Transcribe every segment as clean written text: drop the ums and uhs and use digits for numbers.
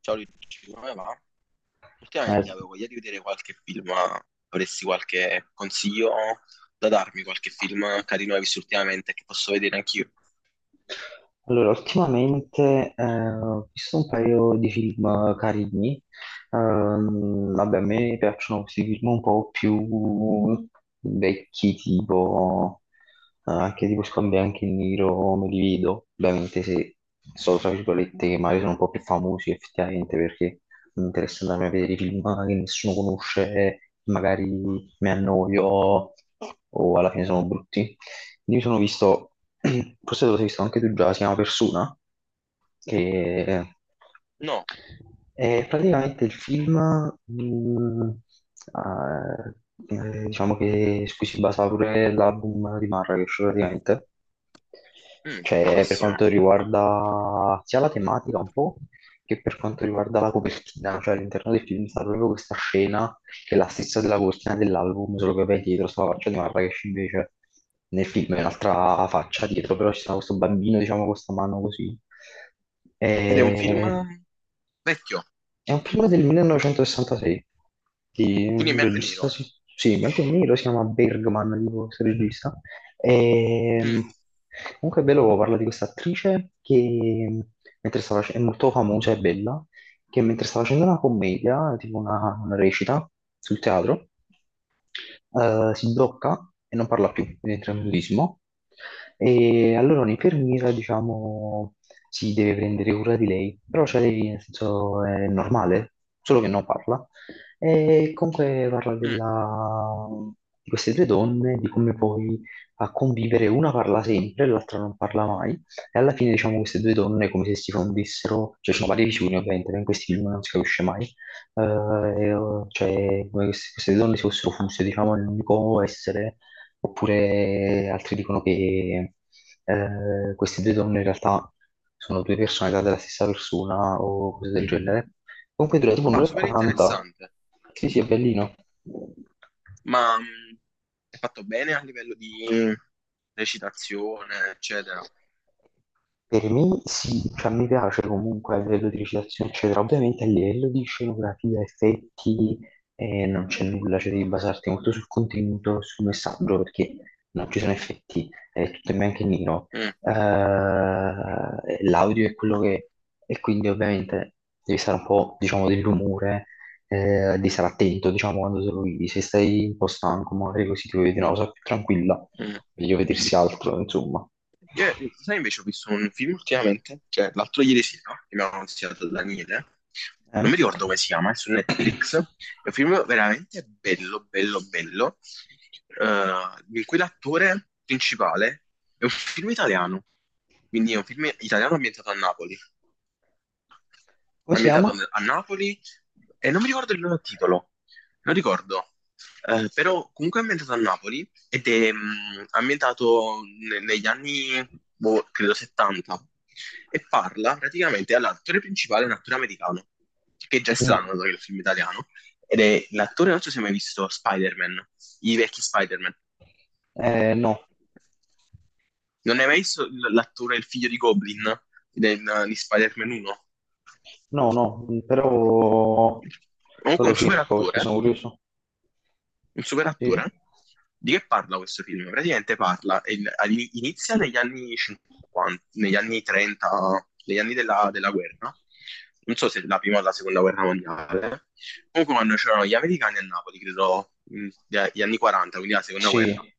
Ciao Luigi, come va? Ultimamente Sì. avevo voglia di vedere qualche film, ma avresti qualche consiglio da darmi, qualche film carino hai visto ultimamente che posso vedere anch'io? Allora, ultimamente ho visto un paio di film carini. Vabbè, a me piacciono questi film un po' più vecchi, tipo anche tipo Scambia anche in nero, me li vedo. Ovviamente se sono tra virgolette che magari sono un po' più famosi effettivamente perché mi interessa andare a vedere i film che nessuno conosce, magari mi annoio o alla fine sono brutti. Lì mi sono visto, forse te lo sei visto anche tu già, si chiama Persona, che No. è praticamente il film, mh, diciamo che su cui si basa pure l'album di Marrakesh praticamente. Mm, Cioè, per bellissimo. quanto riguarda sia la tematica un po', che per quanto riguarda la copertina, cioè all'interno del film sta proprio questa scena che è la stessa della copertina dell'album, solo che poi dietro sta la faccia di Marrakesh invece nel film è un'altra faccia dietro, però ci sta questo bambino, diciamo, con questa mano così. Ed è un film E- vecchio, È un film del 1966 di quindi in un bianco e regista, nero. sì, sì, bianco e nero, si chiama Bergman, tipo questo regista. Mm. Ehm, Comunque è bello, parla di questa attrice che è molto famosa e bella, che mentre stava facendo una commedia, tipo una recita sul teatro, si blocca e non parla più, quindi entra in mutismo. E allora un'infermiera, diciamo, si deve prendere cura di lei, però cioè, lei, nel senso, è normale, solo che non parla. E comunque parla Mm. Di queste due donne, di come poi a convivere una parla sempre e l'altra non parla mai. E alla fine, diciamo, queste due donne è come se si fondissero, cioè ci sono varie visioni ovviamente, ma in questi film non si capisce mai, eh, e, eh, cioè come se queste due donne si fossero fuse, diciamo, in un unico essere, oppure altri dicono che queste due donne in realtà sono due personalità della stessa persona o cose del genere. Comunque dura tipo Ah, un'ora e super 40. interessante, Sì, sì, è bellino. ma mm, è fatto bene a livello di recitazione, eccetera. Per me sì, cioè, mi piace comunque a livello di recitazione, eccetera. Ovviamente a livello di scenografia, effetti, non c'è nulla, cioè devi basarti molto sul contenuto, sul messaggio, perché non ci sono effetti, è tutto in bianco e nero. Mm. L'audio è quello che è, e quindi ovviamente devi stare un po', diciamo, dell'umore, devi stare attento, diciamo, quando te lo vedi. Se stai un po' stanco, magari così ti vuoi vedere una cosa più tranquilla Mm. meglio vedersi altro, insomma. Io, sai, invece ho visto un film ultimamente, cioè l'altro ieri sera, che mi aveva consigliato Daniele, Eh? non mi ricordo come si chiama, è su Netflix, è un film veramente bello, bello, bello, eh, in cui l'attore principale è un film italiano, quindi è un film italiano Come si ambientato chiama? a Napoli e non mi ricordo il loro titolo, non ricordo. Però comunque è ambientato a Napoli ed è ambientato negli anni, boh, credo 70, e parla praticamente, allora, l'attore principale è un attore americano, che è già è strano Mm. dato che è il film italiano, ed è l'attore, non so se hai mai visto Spider-Man, i vecchi Spider-Man. No, Non hai mai visto l'attore, il figlio di Goblin, di Spider-Man 1? no, no, però poi Comunque lo un super cerco perché attore, sono curioso. un super Sì, attore. Di che parla questo film? Praticamente parla, è inizia negli anni 50, negli anni 30, negli anni della guerra. Non so se la prima o la seconda guerra mondiale. Comunque quando c'erano gli americani a Napoli, credo, gli anni 40, quindi la seconda guerra. sì,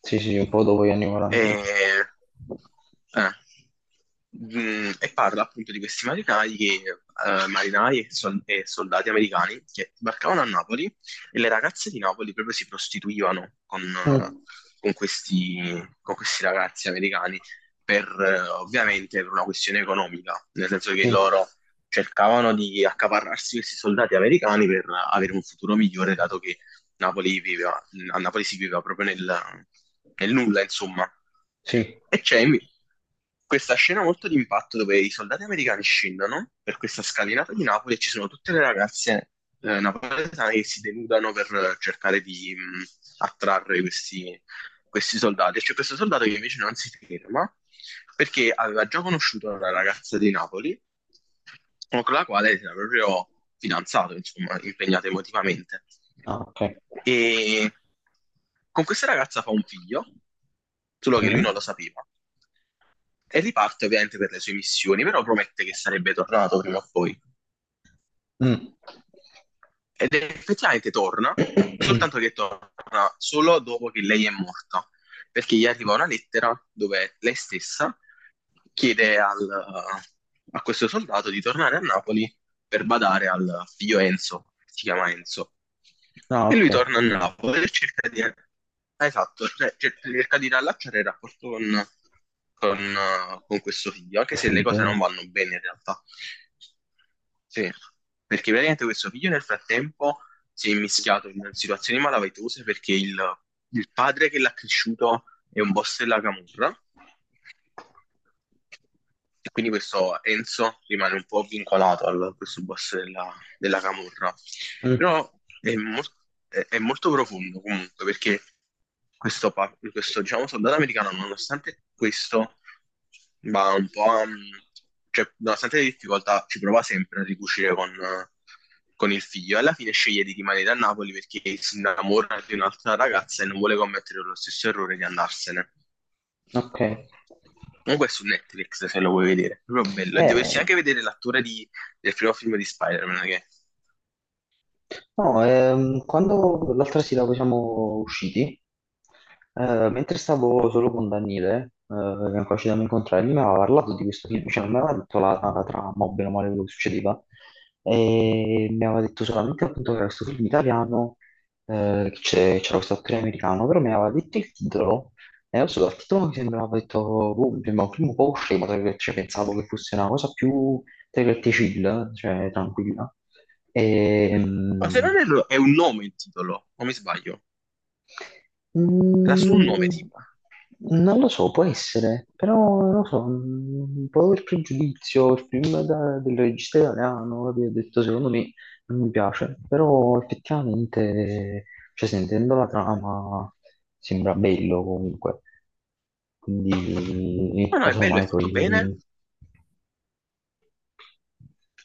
sì, sì, un po' dopo gli anni 40, forse. E, eh, e parla appunto di questi marinai che, marinai e e soldati americani che sbarcavano a Napoli e le ragazze di Napoli proprio si prostituivano Mm. con questi, con questi ragazzi americani per ovviamente per una questione economica, nel senso che Sì, loro cercavano di accaparrarsi questi soldati americani per avere un futuro migliore, dato che Napoli viveva, a Napoli si viveva proprio nel, nel nulla, insomma. sì, E questa scena molto di impatto dove i soldati americani scendono per questa scalinata di Napoli e ci sono tutte le ragazze napoletane che si denudano per cercare di attrarre questi soldati. C'è questo soldato che invece non si ferma perché aveva già conosciuto una ragazza di Napoli con la quale si era proprio fidanzato, insomma, impegnato emotivamente. ah, ok. E con questa ragazza fa un figlio, solo che lui non Mm. lo sapeva. E riparte ovviamente per le sue missioni, però promette che sarebbe tornato prima o poi. Mm. Ed effettivamente torna, soltanto che torna solo dopo che lei è morta, perché gli arriva una lettera dove lei stessa chiede a questo soldato di tornare a Napoli per badare al figlio Enzo, si chiama Enzo. Ah, E lui ok. torna a Napoli e cerca di, ah, esatto, cioè, cerca di riallacciare il rapporto con, con con questo figlio, anche Col se le cose non figlio. vanno bene in realtà. Sì, perché veramente questo figlio nel frattempo si è mischiato in situazioni malavitose perché il padre che l'ha cresciuto è un boss della camorra, e quindi questo Enzo rimane un po' vincolato a questo boss della camorra. Mm, Però è, mol- è molto profondo comunque perché questo, questo, diciamo, soldato americano, nonostante questo, va un po' a... Cioè, nonostante le difficoltà, ci prova sempre a ricucire con il figlio. Alla fine sceglie di rimanere a Napoli perché si innamora di un'altra ragazza e non vuole commettere lo stesso errore di andarsene. ok. Comunque è su Netflix se lo vuoi vedere, proprio bello. E dovresti Eh. anche vedere l'attore di del primo film di Spider-Man. Che... No, quando l'altra sera poi siamo usciti, mentre stavo solo con Daniele, che è ancora ci dobbiamo incontrare, lui mi aveva parlato di questo film, cioè non mi aveva detto la trama, o bene o male quello che succedeva, e mi aveva detto solamente appunto che era questo film italiano, che c'era questo attore americano, però mi aveva detto il titolo, e adesso dal titolo mi sembrava detto, boh, mi sembrava un film un po' scemo, tra virgolette, cioè, pensavo che fosse una cosa più, tra virgolette, chill, cioè tranquilla. Ma Ehm, se non erro è un nome il titolo, o mi sbaglio? Era solo un mm, nome tipo. non lo so, può essere, però non lo so, un po' per pregiudizio, il film del regista italiano, capito? Ho detto secondo me non mi piace, però effettivamente, cioè, sentendo la trama, sembra bello comunque, quindi No, no, è bello, è casomai fatto bene. poi.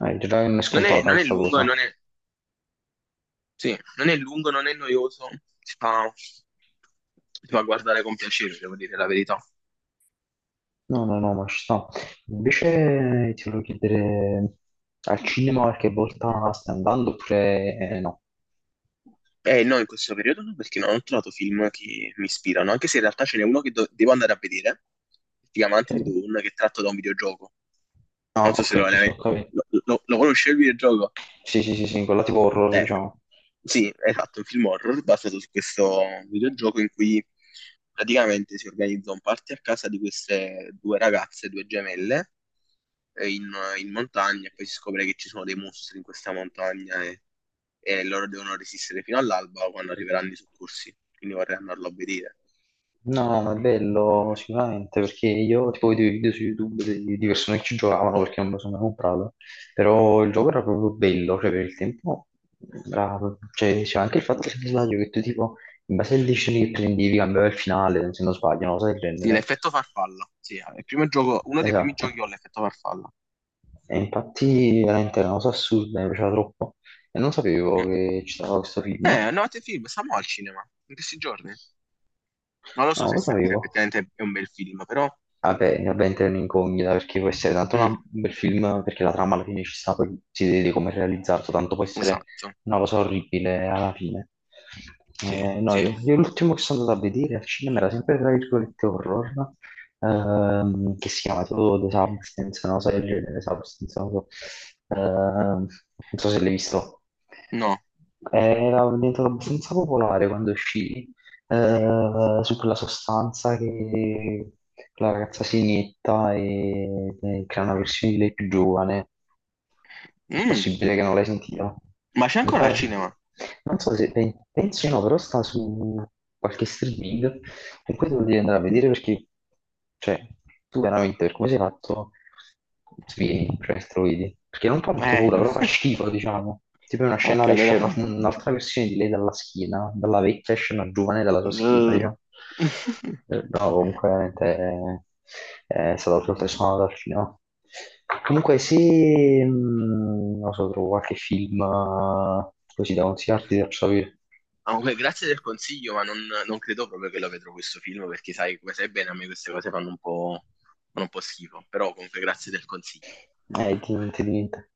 Già che non è Non è, scontata non è questa lungo, cosa. non è, sì, non è lungo, non è noioso. Si fa guardare con piacere, devo dire la verità. No, no, no, ma ci sta. Invece ti volevo chiedere, al cinema qualche volta stai andando oppure no? Eh no, in questo periodo no, perché non ho trovato film che mi ispirano, anche se in realtà ce n'è uno che devo andare a vedere, si chiama Until Ok. Dawn, che è tratto da un videogioco. Non Ah, so se ok, lo, sì, sì, ho capito. lo, lo, lo conosci il videogioco? Sì, sì, sì, sì, quella tipo horror, Eh, diciamo. Sì, esatto, un film horror basato su questo videogioco in cui praticamente si organizza un party a casa di queste due ragazze, due gemelle, eh, in, in montagna e poi si scopre che ci sono dei mostri in questa montagna e loro devono resistere fino all'alba o quando arriveranno i soccorsi, quindi vorrei andarlo a vedere. No, ma è bello sicuramente perché io tipo vedevo i video su YouTube di persone che ci giocavano perché non me lo sono mai comprato, però il gioco era proprio bello, cioè per il tempo, era- cioè, c'era anche il fatto se non sbaglio, che tu tipo in base alle decisioni che prendevi cambiava il finale, se non sbaglio, una cosa del Sì, genere. l'effetto farfalla, sì, è il primo gioco, uno dei primi Esatto. giochi ho l'effetto farfalla. E infatti veramente era una cosa assurda, mi piaceva troppo e non sapevo Mm. che ci stava questo film, no, No, te film, stiamo al cinema, in questi giorni. Non lo so non lo se sapevo. effettivamente è un bel film, però... Vabbè, vabbè, entra in incognita perché può essere tanto Mm. un bel film, perché la trama alla fine ci sta, poi si vede come è realizzato, tanto può essere Esatto, una cosa orribile alla fine. sì, No, sì. io l'ultimo che sono andato a vedere al cinema era sempre tra virgolette horror, che si chiama tipo The Substance, una cosa del genere, Substance, non so. Ehm, Non so se l'hai visto. No. Era diventato abbastanza popolare quando uscì, su quella sostanza che la ragazza si inietta e crea una versione di lei più giovane. È Mm, possibile che non l'hai sentita. ma c'è ancora il Comunque, cinema? non so se pensi o no, però sta su qualche streaming. Comunque devo dire andare a vedere perché, cioè, tu veramente per come sei fatto, svieni, cioè, struvidi. Perché non fa molto Eh, paura, però fa schifo, diciamo. Tipo è una ok, scena, le esce allora... un'altra versione di lei dalla schiena, dalla vecchia esce una giovane dalla sua schiena, Eh. diciamo. No, comunque veramente è stato professionale dal film. Comunque se, non so, trovo qualche film così da consigliarti, ti faccio sapere. Comunque, grazie del consiglio, ma non, non credo proprio che lo vedrò questo film, perché sai, come sai bene, a me queste cose fanno un po' schifo, però comunque grazie del consiglio. Ti niente, di niente.